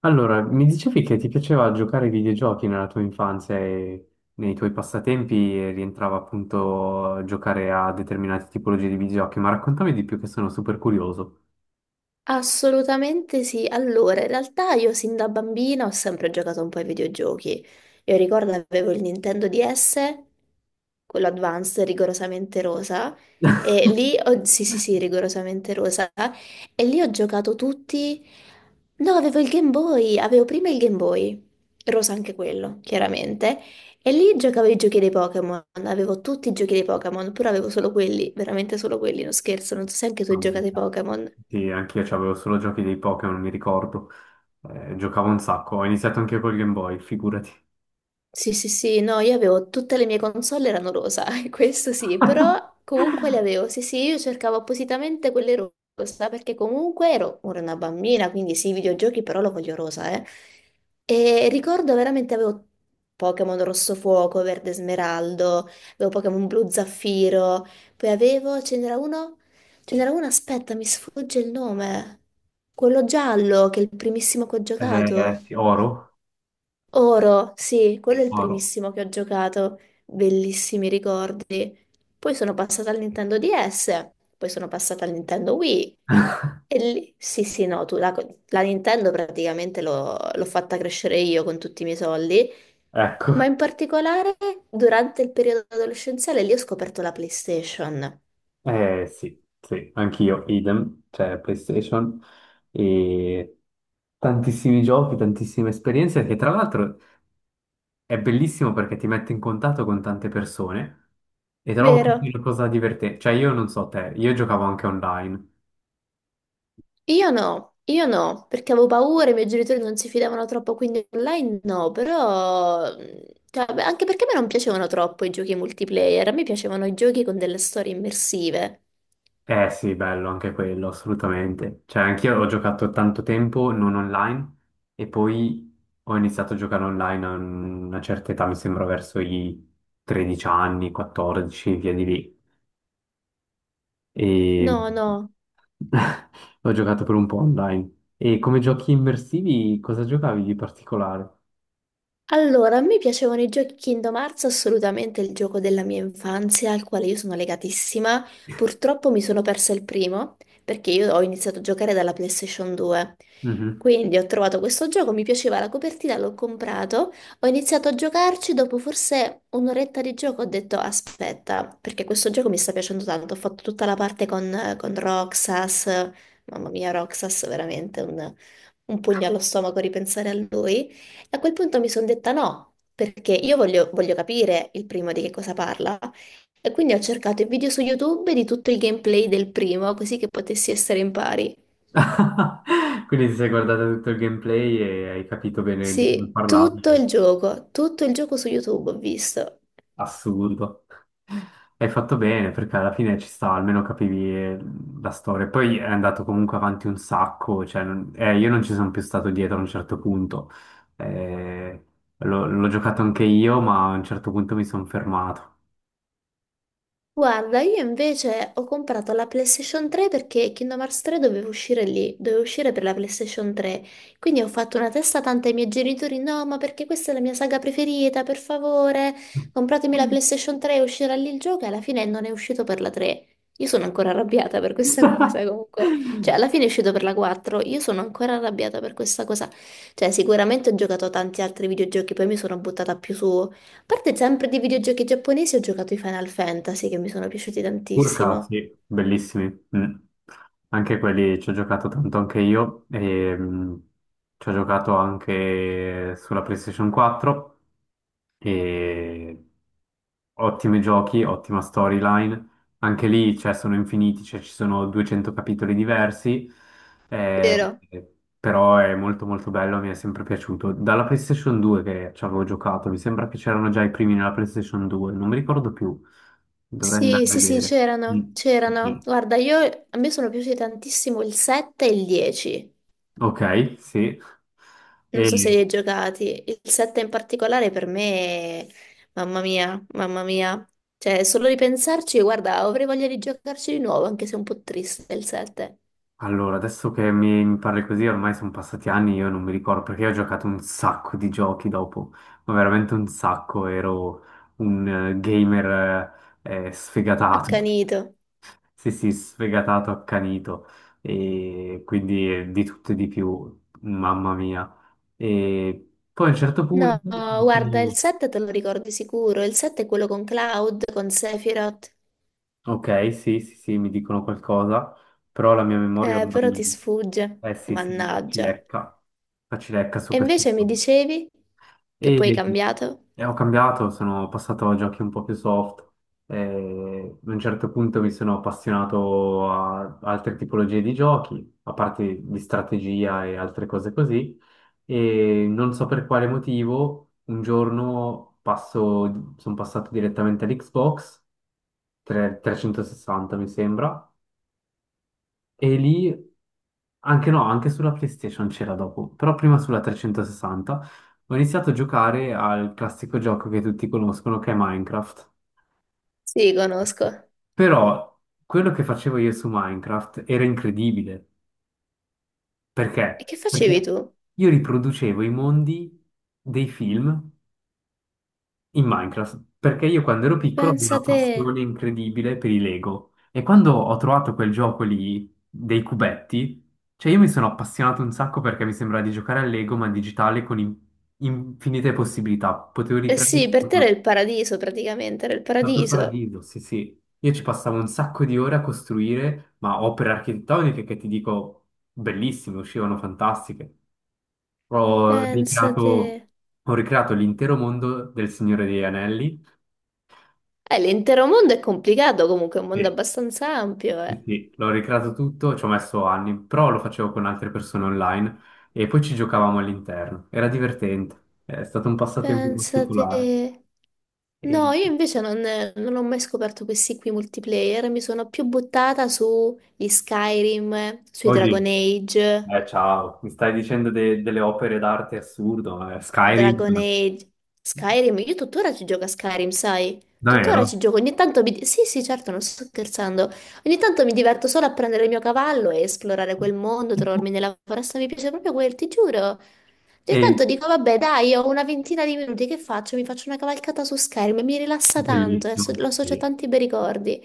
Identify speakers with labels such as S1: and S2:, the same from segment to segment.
S1: Allora, mi dicevi che ti piaceva giocare ai videogiochi nella tua infanzia e nei tuoi passatempi e rientrava appunto giocare a determinate tipologie di videogiochi, ma raccontami di più che sono super curioso.
S2: Assolutamente sì. Allora, in realtà io sin da bambina ho sempre giocato un po' ai videogiochi. Io ricordo avevo il Nintendo DS, quello Advanced, rigorosamente rosa. Sì, sì, sì, rigorosamente rosa. E lì ho giocato tutti... No, avevo il Game Boy, avevo prima il Game Boy, rosa anche quello, chiaramente. E lì giocavo i giochi dei Pokémon, avevo tutti i giochi dei Pokémon, pure avevo solo quelli, veramente solo quelli, non scherzo, non so se anche tu hai
S1: Mamma
S2: giocato ai
S1: mia.
S2: Pokémon.
S1: Sì, anch'io avevo solo giochi dei Pokémon, mi ricordo. Giocavo un sacco, ho iniziato anche col Game Boy, figurati.
S2: Sì, sì, sì, no, io avevo tutte le mie console erano rosa, questo sì, però comunque le avevo. Sì, sì, io cercavo appositamente quelle rosa perché comunque ero ora una bambina, quindi sì, i videogiochi però lo voglio rosa, eh. E ricordo veramente avevo Pokémon Rosso Fuoco, Verde Smeraldo, avevo Pokémon Blu Zaffiro, poi avevo, ce n'era uno, aspetta, mi sfugge il nome, quello giallo che è il primissimo che ho giocato.
S1: Sì, oro?
S2: Oro, sì, quello
S1: Sì.
S2: è il
S1: Oro.
S2: primissimo che ho giocato, bellissimi ricordi. Poi sono passata al Nintendo DS, poi sono passata al Nintendo Wii e lì, sì, sì, no, tu, la Nintendo praticamente l'ho fatta crescere io con tutti i miei soldi,
S1: Ecco.
S2: ma in particolare durante il periodo adolescenziale lì ho scoperto la PlayStation,
S1: Eh sì, sì, anch'io, idem, cioè PlayStation e tantissimi giochi, tantissime esperienze che tra l'altro è bellissimo perché ti mette in contatto con tante persone e trovo così
S2: vero?
S1: una cosa divertente. Cioè io non so te, io giocavo anche online.
S2: Io no, perché avevo paura, i miei genitori non si fidavano troppo, quindi online no, però, cioè, beh, anche perché a me non piacevano troppo i giochi multiplayer, a me piacevano i giochi con delle storie immersive.
S1: Eh sì, bello anche quello, assolutamente. Cioè anch'io ho giocato tanto tempo non online e poi ho iniziato a giocare online a una certa età, mi sembra verso i 13 anni, 14, via di lì. E
S2: No, no.
S1: ho giocato per un po' online. E come giochi immersivi, cosa giocavi di particolare?
S2: Allora, a me piacevano i giochi Kingdom Hearts, assolutamente il gioco della mia infanzia, al quale io sono legatissima. Purtroppo mi sono persa il primo, perché io ho iniziato a giocare dalla PlayStation 2.
S1: Mhm.
S2: Quindi ho trovato questo gioco, mi piaceva la copertina, l'ho comprato, ho iniziato a giocarci, dopo forse un'oretta di gioco ho detto aspetta, perché questo gioco mi sta piacendo tanto, ho fatto tutta la parte con Roxas, mamma mia Roxas, veramente un pugno allo stomaco ripensare a lui. A quel punto mi sono detta no, perché io voglio capire il primo di che cosa parla. E quindi ho cercato i video su YouTube di tutto il gameplay del primo, così che potessi essere in pari.
S1: Quindi ti sei guardato tutto il gameplay e hai capito bene di come
S2: Sì,
S1: parlavo. È
S2: tutto il gioco su YouTube ho visto.
S1: Assurdo. Hai fatto bene perché alla fine ci sta, almeno capivi la storia. Poi è andato comunque avanti un sacco, cioè, io non ci sono più stato dietro a un certo punto. Eh, l'ho giocato anche io, ma a un certo punto mi sono fermato.
S2: Guarda, io invece ho comprato la PlayStation 3 perché Kingdom Hearts 3 doveva uscire lì, doveva uscire per la PlayStation 3. Quindi ho fatto una testa tanta ai miei genitori, no, ma perché questa è la mia saga preferita, per favore, compratemi la PlayStation 3 e uscirà lì il gioco e alla fine non è uscito per la 3. Io sono ancora arrabbiata per questa cosa comunque. Cioè, alla fine è uscito per la 4, io sono ancora arrabbiata per questa cosa. Cioè, sicuramente ho giocato a tanti altri videogiochi, poi mi sono buttata più su parte sempre di videogiochi giapponesi, ho giocato i Final Fantasy che mi sono piaciuti tantissimo.
S1: Urcati, bellissimi. Mm. Anche quelli ci ho giocato tanto anche io e ci ho giocato anche sulla PlayStation 4. E ottimi giochi, ottima storyline. Anche lì, cioè, sono infiniti, cioè, ci sono 200 capitoli diversi, eh,
S2: Vero?
S1: però è molto molto bello, mi è sempre piaciuto. Dalla PlayStation 2 che ci avevo giocato, mi sembra che c'erano già i primi nella PlayStation 2, non mi ricordo più, dovrei andare
S2: Sì,
S1: a
S2: sì, sì,
S1: vedere. Mm.
S2: c'erano, c'erano.
S1: Sì.
S2: Guarda, io, a me sono piaciuti tantissimo il 7 e il 10.
S1: Ok, sì.
S2: Non so se
S1: E,
S2: li hai giocati. Il 7 in particolare per me, mamma mia, mamma mia. Cioè, solo ripensarci, guarda, avrei voglia di giocarci di nuovo, anche se è un po' triste il 7.
S1: Allora, adesso che mi parli così, ormai sono passati anni, io non mi ricordo perché io ho giocato un sacco di giochi dopo, ma veramente un sacco, ero un gamer, sfegatato,
S2: Accanito.
S1: sì sì, sfegatato, accanito, e quindi di tutto e di più, mamma mia. E poi a un certo punto,
S2: No, guarda,
S1: mm,
S2: il 7 te lo ricordi sicuro. Il 7 è quello con Cloud, con Sephiroth.
S1: ok, sì sì sì, mi dicono qualcosa, però la mia memoria
S2: Però ti
S1: ormai,
S2: sfugge,
S1: eh sì sì,
S2: mannaggia.
S1: ci lecca su
S2: E
S1: questo.
S2: invece mi dicevi che poi hai
S1: E,
S2: cambiato?
S1: e ho cambiato, sono passato a giochi un po' più soft. E a un certo punto mi sono appassionato a altre tipologie di giochi, a parte di strategia e altre cose così. E non so per quale motivo, un giorno passo, sono passato direttamente all'Xbox 360, mi sembra, e lì, anche no, anche sulla PlayStation c'era dopo, però prima sulla 360 ho iniziato a giocare al classico gioco che tutti conoscono, che è Minecraft.
S2: Sì, conosco.
S1: Però quello che facevo io su Minecraft era incredibile.
S2: E
S1: Perché?
S2: che facevi
S1: Perché
S2: tu?
S1: io riproducevo i mondi dei film in Minecraft, perché io quando ero piccolo avevo
S2: Pensa
S1: una
S2: te.
S1: passione incredibile per i Lego e quando ho trovato quel gioco lì dei cubetti, cioè io mi sono appassionato un sacco perché mi sembra di giocare a Lego ma in digitale con infinite possibilità, potevo
S2: Eh
S1: ricreare
S2: sì, per te era il paradiso praticamente, era il
S1: tutto il
S2: paradiso.
S1: paradiso, sì sì, io ci passavo un sacco di ore a costruire, ma opere architettoniche che ti dico bellissime, uscivano fantastiche. Ho
S2: Pensa te.
S1: ricreato, ho ricreato l'intero mondo del Signore degli Anelli.
S2: L'intero mondo è complicato comunque, è un mondo abbastanza ampio,
S1: Sì,
S2: eh.
S1: sì, l'ho ricreato tutto, ci ho messo anni, però lo facevo con altre persone online e poi ci giocavamo all'interno. Era divertente, è stato un passatempo
S2: Pensa
S1: particolare.
S2: te. No,
S1: E...
S2: io invece non ho mai scoperto questi qui multiplayer, mi sono più buttata sugli Skyrim, sui
S1: Oddio,
S2: Dragon Age.
S1: ciao, mi stai dicendo delle opere d'arte assurdo, Skyrim,
S2: Dragon Age, Skyrim, io tuttora ci gioco a Skyrim, sai? Tuttora
S1: davvero?
S2: ci gioco, Sì, sì, certo, non sto scherzando. Ogni tanto mi diverto solo a prendere il mio cavallo e esplorare quel mondo, trovarmi nella foresta, mi piace proprio quel, ti giuro. Ogni
S1: È
S2: tanto dico, vabbè, dai, ho una ventina di minuti, che faccio? Mi faccio una cavalcata su Skyrim, e mi rilassa tanto, e
S1: bellissimo,
S2: lo associo a
S1: sì.
S2: tanti bei ricordi.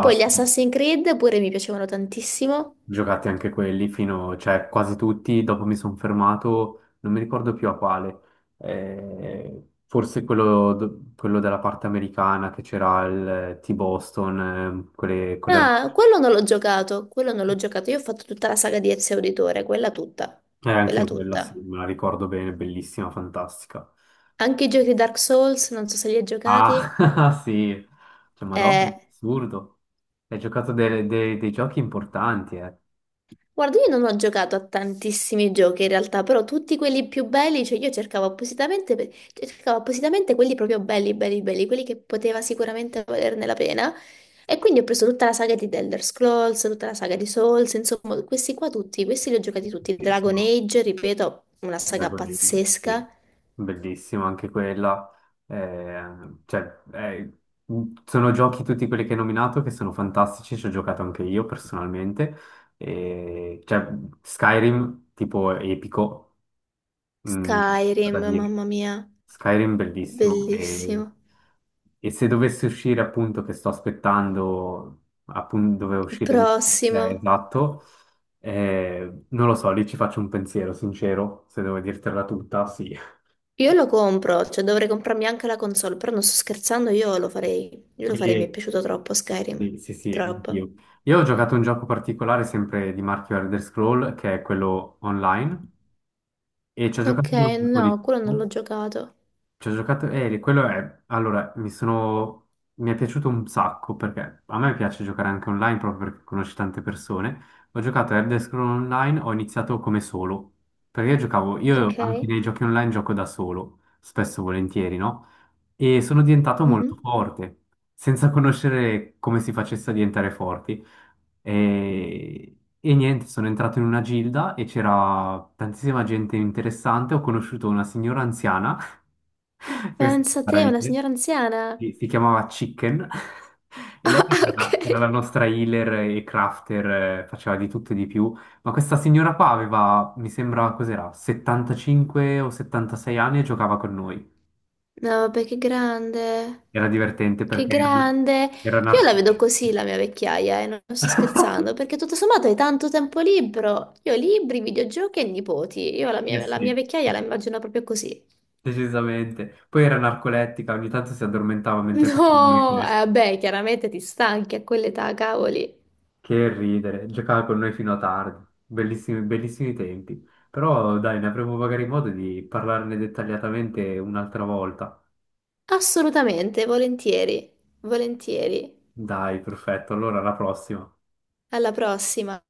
S2: Poi gli Assassin's Creed pure mi piacevano tantissimo.
S1: Giocati anche quelli fino, cioè quasi tutti, dopo mi sono fermato, non mi ricordo più a quale. Forse quello, quello della parte americana che c'era il T-Boston, quelle, quelle...
S2: Ah, quello non l'ho giocato, quello non l'ho giocato. Io ho fatto tutta la saga di Ezio Auditore, quella tutta, quella
S1: Anch'io quella, sì,
S2: tutta.
S1: me la ricordo bene, bellissima, fantastica.
S2: Anche i giochi Dark Souls, non so se li hai giocati.
S1: Ah, sì, cioè, Madonna,
S2: Eh,
S1: assurdo. Hai giocato dei giochi importanti, eh.
S2: guarda, io non ho giocato a tantissimi giochi in realtà, però tutti quelli più belli, cioè io cercavo appositamente, cioè, cercavo appositamente quelli proprio belli, belli, belli, quelli che poteva sicuramente valerne la pena. E quindi ho preso tutta la saga di The Elder Scrolls, tutta la saga di Souls, insomma, questi qua tutti, questi li ho giocati tutti.
S1: Sì, sì.
S2: Dragon Age, ripeto, una
S1: Beh,
S2: saga pazzesca.
S1: sì. Bellissimo anche quella. Cioè, sono giochi tutti quelli che hai nominato che sono fantastici, ci ho giocato anche io personalmente. E, cioè, Skyrim tipo epico. Mm,
S2: Skyrim,
S1: da dire.
S2: mamma mia,
S1: Skyrim bellissimo e,
S2: bellissimo.
S1: e se dovesse uscire appunto, che sto aspettando appunto dove
S2: Il
S1: uscire,
S2: prossimo.
S1: esatto, non lo so, lì ci faccio un pensiero sincero, se devo dirtela tutta, sì.
S2: Io lo compro, cioè dovrei comprarmi anche la console, però non sto scherzando, io lo farei. Io lo farei, mi è
S1: E-
S2: piaciuto troppo Skyrim.
S1: sì, sì, sì,
S2: Troppo.
S1: anch'io. Io ho giocato un gioco particolare sempre di marchio Elder Scroll che è quello online e ci ho giocato
S2: Ok,
S1: per un po' di
S2: no, quello non
S1: tempo.
S2: l'ho giocato.
S1: Ci ho giocato, quello è, allora, mi sono, mi è piaciuto un sacco perché a me piace giocare anche online proprio perché conosci tante persone. Ho giocato a Elder Scrolls Online, ho iniziato come solo, perché io giocavo, io
S2: Ok.
S1: anche nei giochi online gioco da solo, spesso e volentieri, no? E sono diventato
S2: Mhm.
S1: molto forte, senza conoscere come si facesse a diventare forti. E niente, sono entrato in una gilda e c'era tantissima gente interessante, ho conosciuto una signora anziana, questa è
S2: Pensa a
S1: una
S2: te, una
S1: meraviglia.
S2: signora anziana.
S1: Sì, si chiamava Chicken, e lei
S2: Ah, ok.
S1: era la nostra healer e crafter, faceva di tutto e di più, ma questa signora qua aveva, mi sembra, cos'era, 75 o 76 anni e giocava con noi.
S2: No, vabbè, che grande.
S1: Era divertente
S2: Che
S1: perché era,
S2: grande!
S1: era
S2: Io la vedo
S1: narcolettica.
S2: così la mia vecchiaia, e non sto scherzando, perché tutto sommato hai tanto tempo libero. Io libri, videogiochi e nipoti. Io la
S1: Eh
S2: mia, la
S1: sì,
S2: mia vecchiaia la immagino proprio così.
S1: decisamente. Poi era narcolettica, ogni tanto si addormentava mentre facevamo le
S2: No,
S1: quest.
S2: vabbè, chiaramente ti stanchi a quell'età, cavoli.
S1: Che ridere, giocava con noi fino a tardi, bellissimi, bellissimi tempi. Però dai, ne avremo magari modo di parlarne dettagliatamente un'altra volta.
S2: Assolutamente, volentieri, volentieri.
S1: Dai, perfetto, allora alla prossima.
S2: Alla prossima.